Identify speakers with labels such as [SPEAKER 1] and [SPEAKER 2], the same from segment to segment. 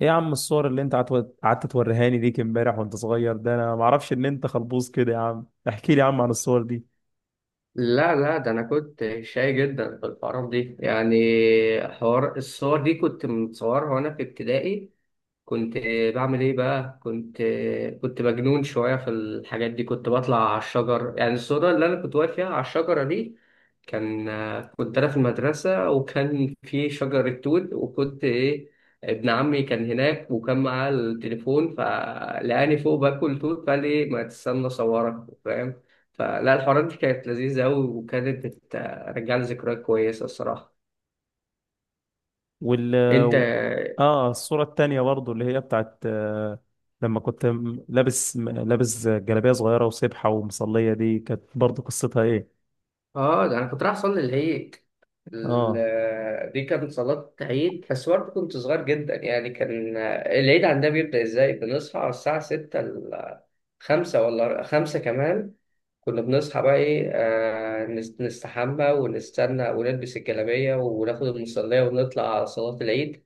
[SPEAKER 1] ايه يا عم؟ الصور اللي انت قعدت توريهاني ديك امبارح وانت صغير ده، انا ما اعرفش ان انت خلبوز كده يا عم. احكي لي يا عم عن الصور دي.
[SPEAKER 2] لا، لا، ده انا كنت شاي جدا في الحوارات دي يعني. حوار الصور دي كنت متصورها وانا في ابتدائي. كنت بعمل ايه بقى، كنت مجنون شويه في الحاجات دي، كنت بطلع على الشجر، يعني الصوره اللي انا كنت واقف فيها على الشجره دي. كان كنت انا في المدرسه وكان في شجره توت، وكنت ايه، ابن عمي كان هناك وكان معاه التليفون فلقاني فوق باكل توت، فقال لي إيه، ما تستنى صورك، فاهم؟ فلا، الحوارات دي كانت لذيذه قوي، وكانت بترجع لي ذكريات كويسه الصراحه.
[SPEAKER 1] وال
[SPEAKER 2] انت
[SPEAKER 1] اه الصورة التانية برضو اللي هي بتاعت لما كنت لابس جلابية صغيرة وسبحة ومصلية، دي كانت برضو قصتها ايه؟
[SPEAKER 2] اه، ده انا كنت رايح اصلي العيد.
[SPEAKER 1] اه،
[SPEAKER 2] دي كانت صلاة عيد، بس برضه كنت صغير جدا. يعني كان العيد عندنا بيبدأ ازاي؟ بنصحى على الساعة ستة، خمسة، ولا خمسة كمان. كنا بنصحى بقى ايه، نستحمى ونستنى ونلبس الجلابية وناخد المصلية ونطلع على صلاة العيد.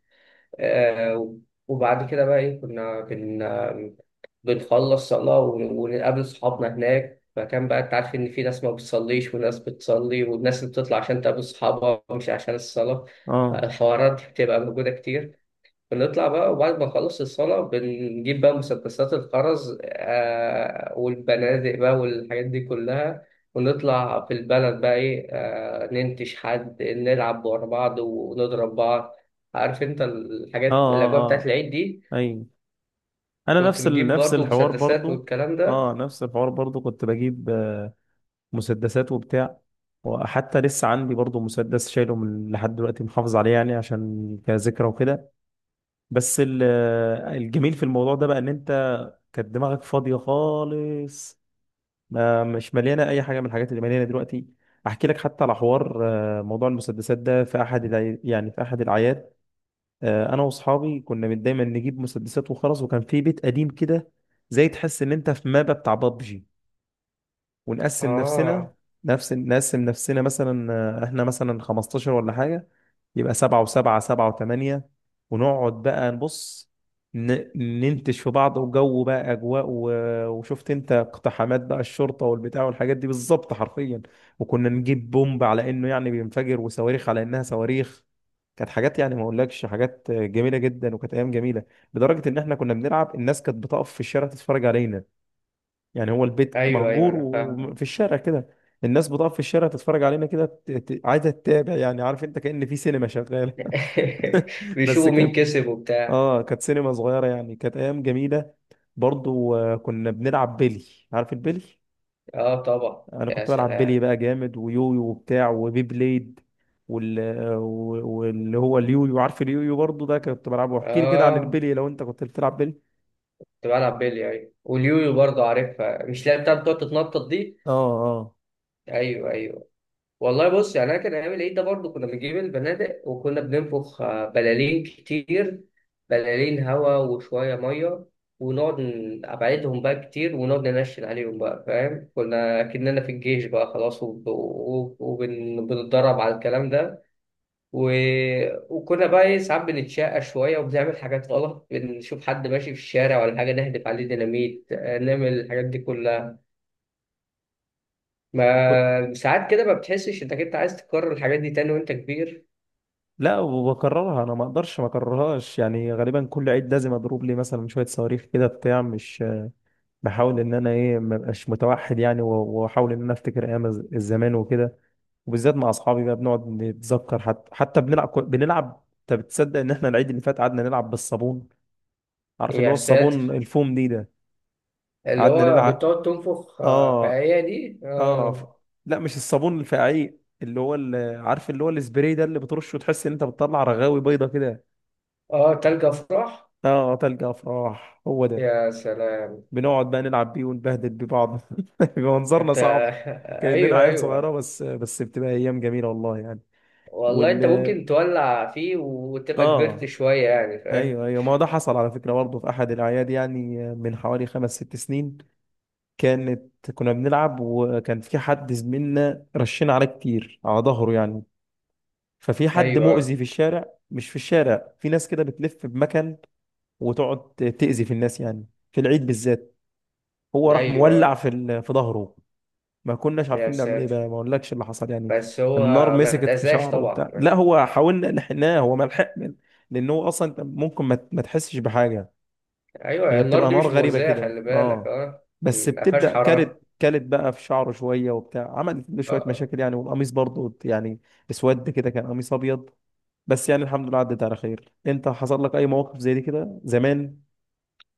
[SPEAKER 2] آه، وبعد كده بقى إيه، كنا بنخلص صلاة ونقابل صحابنا هناك. فكان بقى، أنت عارف إن في ناس ما بتصليش وناس بتصلي، والناس اللي بتطلع عشان تقابل صحابها مش عشان الصلاة.
[SPEAKER 1] اه،
[SPEAKER 2] الحوارات دي بتبقى موجودة كتير. بنطلع بقى، وبعد ما نخلص الصلاة بنجيب بقى مسدسات الخرز، آه، والبنادق بقى والحاجات دي كلها، ونطلع في البلد بقى إيه، آه، ننتش حد، نلعب ورا بعض ونضرب بعض. عارف أنت
[SPEAKER 1] اه،
[SPEAKER 2] الحاجات، الأجواء
[SPEAKER 1] اه،
[SPEAKER 2] بتاعت
[SPEAKER 1] اه،
[SPEAKER 2] العيد دي.
[SPEAKER 1] ايوه، انا
[SPEAKER 2] كنت
[SPEAKER 1] نفس
[SPEAKER 2] بتجيب
[SPEAKER 1] نفس
[SPEAKER 2] برضو
[SPEAKER 1] الحوار
[SPEAKER 2] مسدسات
[SPEAKER 1] برضو.
[SPEAKER 2] والكلام ده.
[SPEAKER 1] اه، نفس الحوار برضو كنت بجيب مسدسات وبتاع، وحتى لسه عندي برضو مسدس شايله من لحد دلوقتي، محافظ عليه يعني عشان كذكرى وكده. بس ال- الجميل في الموضوع ده بقى ان انت كانت دماغك فاضية خالص، ما مش مليانة اي حاجة من الحاجات اللي مليانة دلوقتي. احكي لك حتى على حوار، موضوع المسدسات ده في يعني في احد الاعياد، انا واصحابي كنا من دايما نجيب مسدسات وخلاص، وكان في بيت قديم كده، زي تحس ان انت في مابا بتاع بابجي، ونقسم
[SPEAKER 2] آه،
[SPEAKER 1] نفسنا، نقسم نفسنا مثلا، احنا مثلا 15 ولا حاجة، يبقى سبعة وسبعة، سبعة وثمانية. ونقعد بقى نبص، ن- ننتش في بعض، وجو بقى أجواء وشفت أنت اقتحامات بقى الشرطة والبتاع والحاجات دي بالظبط حرفيا. وكنا نجيب بومب على إنه يعني بينفجر، وصواريخ على إنها صواريخ. كانت حاجات يعني ما أقولكش، حاجات جميلة جدا، وكانت أيام جميلة. لدرجة إن احنا كنا بنلعب الناس كانت بتقف في الشارع تتفرج علينا. يعني هو البيت
[SPEAKER 2] أيوه أيوه،
[SPEAKER 1] مهجور
[SPEAKER 2] أنا فاهم.
[SPEAKER 1] وفي الشارع كده، الناس بتقف في الشارع تتفرج علينا كده، عايزه تتابع يعني، عارف انت، كأن في سينما شغاله. بس
[SPEAKER 2] بيشوفوا مين
[SPEAKER 1] كانت،
[SPEAKER 2] كسب وبتاع.
[SPEAKER 1] اه، كانت سينما صغيره يعني، كانت ايام جميله. برضو كنا بنلعب بيلي، عارف البيلي؟
[SPEAKER 2] آه، طبعا،
[SPEAKER 1] انا
[SPEAKER 2] يا
[SPEAKER 1] كنت بلعب بيلي
[SPEAKER 2] سلام.
[SPEAKER 1] بقى جامد، ويويو وبتاع وبي بليد، وال... آه، و- واللي هو اليويو، عارف اليويو؟ برضو ده كنت بلعبه. احكي لي كده عن
[SPEAKER 2] آه،
[SPEAKER 1] البيلي لو انت كنت بتلعب بيلي.
[SPEAKER 2] كنت بلعب بيلي، ايوه، واليويو برضه عارفها، مش اللي هي بتاعت بتقعد تتنطط دي.
[SPEAKER 1] اه،
[SPEAKER 2] ايوه ايوه. والله بص، يعني انا كان ايام العيد ده برضه كنا بنجيب البنادق، وكنا بننفخ بلالين كتير، بلالين هوا وشويه ميه، ونقعد ابعدهم بقى كتير، ونقعد ننشن عليهم بقى، فاهم؟ كنا كأننا في الجيش بقى خلاص، وبنتدرب على الكلام ده. و... وكنا بقى ايه، ساعات بنتشقى شوية وبنعمل حاجات غلط، بنشوف حد ماشي في الشارع ولا حاجة نهدف عليه ديناميت، نعمل الحاجات دي كلها.
[SPEAKER 1] اه،
[SPEAKER 2] ما ساعات كده ما بتحسش انك انت عايز تكرر الحاجات دي تاني وانت كبير.
[SPEAKER 1] لا وبكررها، انا ما اقدرش ما اكررهاش يعني، غالبا كل عيد لازم اضرب لي مثلا شويه صواريخ كده بتاع، مش بحاول ان انا ما ابقاش متوحد يعني، واحاول ان انا افتكر ايام الزمان وكده. وبالذات مع اصحابي بقى بنقعد نتذكر، حتى بنلعب، انت بتصدق ان احنا العيد اللي فات قعدنا نلعب بالصابون؟ عارف اللي هو
[SPEAKER 2] يا ساتر.
[SPEAKER 1] الصابون الفوم دي ده؟
[SPEAKER 2] اللي
[SPEAKER 1] قعدنا
[SPEAKER 2] هو
[SPEAKER 1] نلعب،
[SPEAKER 2] بتقعد تنفخ في
[SPEAKER 1] اه،
[SPEAKER 2] آية دي،
[SPEAKER 1] اه،
[SPEAKER 2] اه.
[SPEAKER 1] لا مش الصابون الفعيق، اللي هو اللي عارف اللي هو السبراي ده اللي بترشه وتحس ان انت بتطلع رغاوي بيضه كده.
[SPEAKER 2] تلج أفراح.
[SPEAKER 1] اه، تلج افراح، هو ده.
[SPEAKER 2] يا سلام.
[SPEAKER 1] بنقعد بقى نلعب بيه ونبهدل ببعض، بيبقى منظرنا
[SPEAKER 2] انت
[SPEAKER 1] صعب، كأننا
[SPEAKER 2] ايوه
[SPEAKER 1] عيال صغيرة،
[SPEAKER 2] ايوه.
[SPEAKER 1] بس بس بتبقى ايام جميلة والله يعني.
[SPEAKER 2] والله
[SPEAKER 1] وال
[SPEAKER 2] انت ممكن تولع فيه وتبقى كبرت
[SPEAKER 1] اه
[SPEAKER 2] شوية، يعني فاهم؟
[SPEAKER 1] ايوه ايوه، ما هو ده حصل على فكرة برضه في احد الاعياد يعني، من حوالي خمس ست سنين، كنا بنلعب وكان في حد زميلنا رشينا عليه كتير على ظهره يعني. ففي حد مؤذي
[SPEAKER 2] ايوه
[SPEAKER 1] في الشارع، مش في الشارع، في ناس كده بتلف بمكان وتقعد تأذي في الناس يعني، في العيد بالذات. هو راح مولع
[SPEAKER 2] ايوه.
[SPEAKER 1] في في ظهره. ما كناش
[SPEAKER 2] يا
[SPEAKER 1] عارفين نعمل ايه بقى،
[SPEAKER 2] ساتر.
[SPEAKER 1] ما اقولكش اللي حصل يعني.
[SPEAKER 2] بس هو
[SPEAKER 1] النار
[SPEAKER 2] ما
[SPEAKER 1] مسكت في
[SPEAKER 2] اتأذاش
[SPEAKER 1] شعره
[SPEAKER 2] طبعا.
[SPEAKER 1] وبتاع، لا هو حاولنا لحقناه، هو ما لحق من- لان هو اصلا أنت ممكن ما ما تحسش بحاجه.
[SPEAKER 2] ايوه،
[SPEAKER 1] هي
[SPEAKER 2] النار
[SPEAKER 1] بتبقى
[SPEAKER 2] دي
[SPEAKER 1] نار
[SPEAKER 2] مش
[SPEAKER 1] غريبه
[SPEAKER 2] مؤذية،
[SPEAKER 1] كده،
[SPEAKER 2] خلي بالك،
[SPEAKER 1] اه.
[SPEAKER 2] اه،
[SPEAKER 1] بس
[SPEAKER 2] ما فيهاش
[SPEAKER 1] بتبدا
[SPEAKER 2] حرارة.
[SPEAKER 1] كلت كلت بقى في شعره شويه وبتاع، عملت له شويه
[SPEAKER 2] آه.
[SPEAKER 1] مشاكل يعني، والقميص برضه يعني اسود كده، كان قميص ابيض. بس يعني الحمد لله عدت على خير. انت حصل لك اي مواقف زي دي كده زمان؟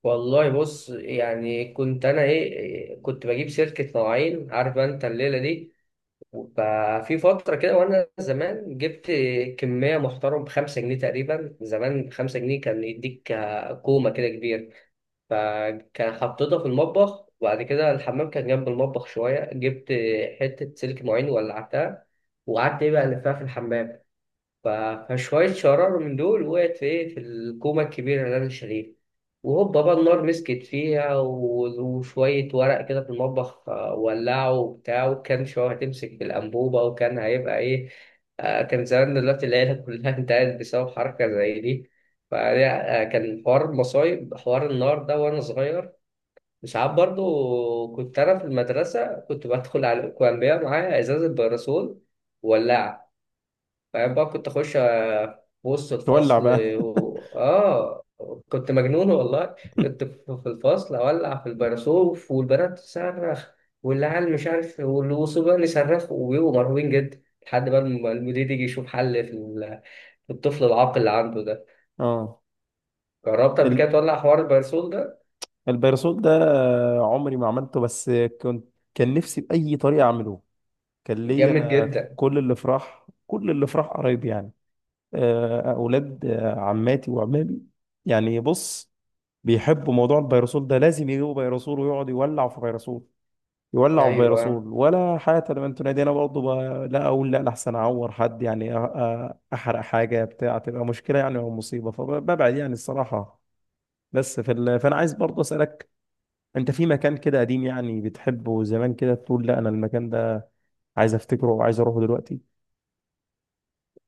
[SPEAKER 2] والله بص، يعني كنت انا ايه، كنت بجيب سلكة مواعين، عارف انت الليلة دي. ففي فترة كده وانا زمان جبت كمية محترم بخمسة جنيه تقريبا، زمان بخمسة جنيه كان يديك كومة كده كبيرة. فكان حطيتها في المطبخ، وبعد كده الحمام كان جنب المطبخ شوية، جبت حتة سلك معين ولعتها، وقعدت إيه بقى ألفها في الحمام. ف- فشوية شرار من دول وقعت في إيه، في الكومة الكبيرة اللي أنا شاريها، وهوبا بقى النار مسكت فيها، وشوية ورق كده في المطبخ ولعوا وبتاع، وكان شوية هتمسك في الأنبوبة، وكان هيبقى إيه، كان زمان دلوقتي العيلة كلها انتهت بسبب حركة زي دي. فكان حوار المصايب حوار النار ده وأنا صغير. وساعات برضو كنت أنا في المدرسة كنت بدخل على الأكوانبية معايا إزازة باراسول، ولا بعد بقى كنت اخش في وسط
[SPEAKER 1] تولع
[SPEAKER 2] الفصل.
[SPEAKER 1] بقى.
[SPEAKER 2] و... اه كنت مجنون والله. كنت في الفصل اولع في البراسوف، والبنات تصرخ والعيال مش عارف، والوصبيان يصرخوا وبيبقوا مرعوبين جدا، لحد بقى ما المدير يجي يشوف حل في في الطفل العاقل اللي عنده ده.
[SPEAKER 1] اه،
[SPEAKER 2] جربت قبل كده تولع حوار البرسول ده؟
[SPEAKER 1] البيرسول ده؟ عمري ما عملته، بس كنت، كان نفسي بأي طريقة أعمله. كان
[SPEAKER 2] جامد
[SPEAKER 1] ليا
[SPEAKER 2] جدا.
[SPEAKER 1] كل اللي فرح، كل اللي فرح قرايبي يعني، أولاد عماتي وعمامي، يعني بص، بيحبوا موضوع البيرسول ده، لازم يجيبوا بيرسول ويقعد يولع في بيرسول، يولع في
[SPEAKER 2] ايوه،
[SPEAKER 1] بيرسول ولا حياة لمن تنادي. أنا برضه لا أقول لا، أنا أحسن أعور حد يعني، أحرق حاجة بتاع تبقى مشكلة يعني أو مصيبة، فببعد يعني الصراحة. فأنا عايز برضه أسألك، انت في مكان كده قديم يعني بتحبه زمان، كده تقول لا انا المكان ده عايز افتكره وعايز اروحه دلوقتي؟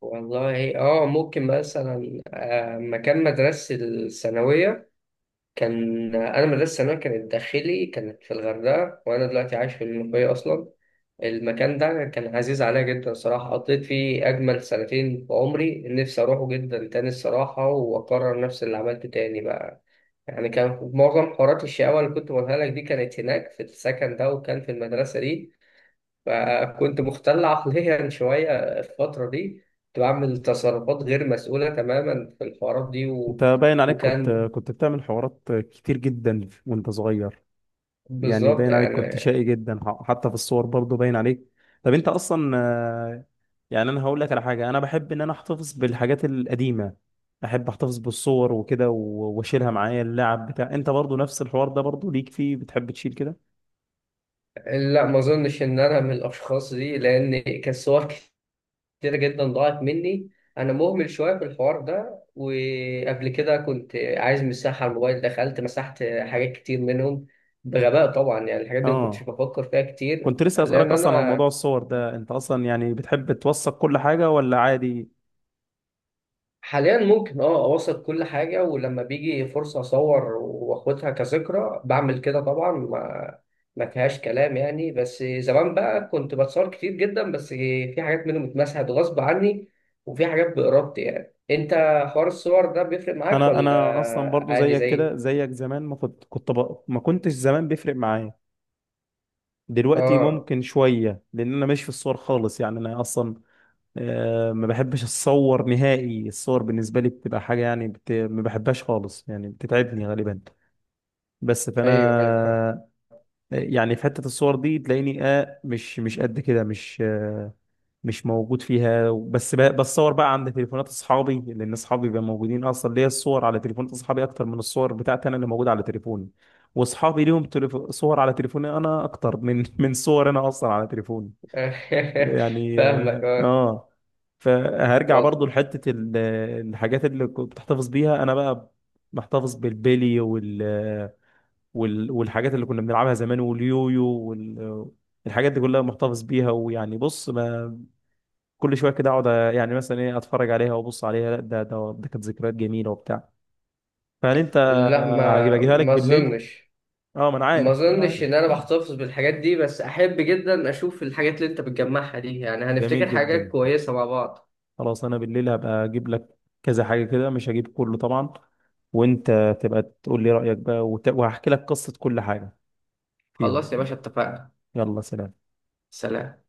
[SPEAKER 2] والله اه، ممكن مثلا مكان مدرسة الثانوية. كان انا مدرسه ثانوي كانت داخلي، كانت في الغردقه، وانا دلوقتي عايش في المنوفيه اصلا. المكان ده كان عزيز عليا جدا صراحه، قضيت فيه اجمل سنتين في عمري، نفسي اروحه جدا تاني الصراحه واكرر نفس اللي عملته تاني بقى. يعني كان معظم حوارات الشقاوه اللي كنت بقولها لك دي كانت هناك في السكن ده، وكان في المدرسه دي. فكنت مختل عقليا شويه، الفتره دي كنت بعمل تصرفات غير مسؤوله تماما في الحوارات دي و...
[SPEAKER 1] انت باين عليك كنت
[SPEAKER 2] وكان
[SPEAKER 1] كنت بتعمل حوارات كتير جدا وانت صغير. يعني
[SPEAKER 2] بالظبط
[SPEAKER 1] باين عليك كنت
[SPEAKER 2] يعني.
[SPEAKER 1] شقي جدا، حتى في الصور برضه باين عليك. طب انت اصلا يعني انا هقول لك على حاجه، انا بحب ان انا احتفظ بالحاجات القديمه، احب احتفظ بالصور وكده واشيلها معايا. اللعب بتاع انت برضه نفس الحوار ده برضه ليك فيه؟ بتحب تشيل كده؟
[SPEAKER 2] لا، ما اظنش ان انا من الاشخاص دي، لان كانت صور كتير جدا ضاعت مني، انا مهمل شويه في الحوار ده. وقبل كده كنت عايز مساحه على الموبايل، دخلت مسحت حاجات كتير منهم، بغباء طبعا. يعني الحاجات دي ما كنتش
[SPEAKER 1] اه،
[SPEAKER 2] بفكر فيها كتير،
[SPEAKER 1] كنت لسه أسألك
[SPEAKER 2] لان
[SPEAKER 1] أصلا عن موضوع
[SPEAKER 2] انا
[SPEAKER 1] الصور ده، أنت أصلا يعني بتحب توثق كل حاجة ولا عادي؟
[SPEAKER 2] حاليا ممكن اه اوثق كل حاجة، ولما بيجي فرصة اصور واخدها كذكرى بعمل كده طبعا، ما فيهاش كلام يعني. بس زمان بقى كنت بتصور كتير جدا، بس في حاجات منهم اتمسحت غصب عني، وفي حاجات بإرادتي. يعني انت، حوار الصور ده بيفرق معاك
[SPEAKER 1] أنا
[SPEAKER 2] ولا
[SPEAKER 1] أنا أصلا برضو
[SPEAKER 2] عادي
[SPEAKER 1] زيك كده،
[SPEAKER 2] زي
[SPEAKER 1] زيك زمان ما ما كنتش زمان بيفرق معايا. دلوقتي
[SPEAKER 2] اه؟
[SPEAKER 1] ممكن شوية لأن أنا ماشي في الصور خالص يعني. أنا أصلا ما بحبش أتصور نهائي، الصور بالنسبة لي بتبقى حاجة يعني ما بحبهاش خالص يعني، بتتعبني غالبا. بس فأنا
[SPEAKER 2] ايوه ايوه، فاهم.
[SPEAKER 1] يعني في حتة الصور دي تلاقيني، آه، مش مش قد كده، مش موجود فيها. بس بتصور بقى عند تليفونات اصحابي، لان اصحابي بيبقوا موجودين اصلا ليا. الصور على تليفونات اصحابي اكتر من الصور بتاعتي انا اللي موجوده على تليفوني. واصحابي ليهم صور على تليفوني انا اكتر من من صور انا اصلا على تليفوني. يعني،
[SPEAKER 2] فاهمك،
[SPEAKER 1] اه،
[SPEAKER 2] اه.
[SPEAKER 1] آه. فهرجع برضو
[SPEAKER 2] والله
[SPEAKER 1] لحته الحاجات اللي كنت بتحتفظ بيها. انا بقى محتفظ بالبيلي وال... وال... والحاجات اللي كنا بنلعبها زمان، واليويو وال... الحاجات دي كلها محتفظ بيها، ويعني بص، ما كل شويه كده اقعد، يعني مثلا ايه، اتفرج عليها وابص عليها، لا ده ده ده كانت ذكريات جميله وبتاع. فهل انت
[SPEAKER 2] لا،
[SPEAKER 1] هجيب
[SPEAKER 2] ما
[SPEAKER 1] اجيبها لك
[SPEAKER 2] ما
[SPEAKER 1] بالليل؟
[SPEAKER 2] اظنش
[SPEAKER 1] اه، ما انا
[SPEAKER 2] ما
[SPEAKER 1] عارف، ما انا
[SPEAKER 2] اظنش
[SPEAKER 1] عارف،
[SPEAKER 2] ان انا بحتفظ بالحاجات دي، بس احب جدا اشوف الحاجات اللي انت بتجمعها دي، يعني
[SPEAKER 1] جميل
[SPEAKER 2] هنفتكر حاجات
[SPEAKER 1] جدا.
[SPEAKER 2] كويسة مع بعض.
[SPEAKER 1] خلاص انا بالليل هبقى اجيب لك كذا حاجه كده، مش هجيب كله طبعا، وانت تبقى تقول لي رايك بقى، وهحكي لك قصه كل حاجه فيهم.
[SPEAKER 2] خلاص يا باشا، اتفقنا.
[SPEAKER 1] يلا، سلام.
[SPEAKER 2] سلام.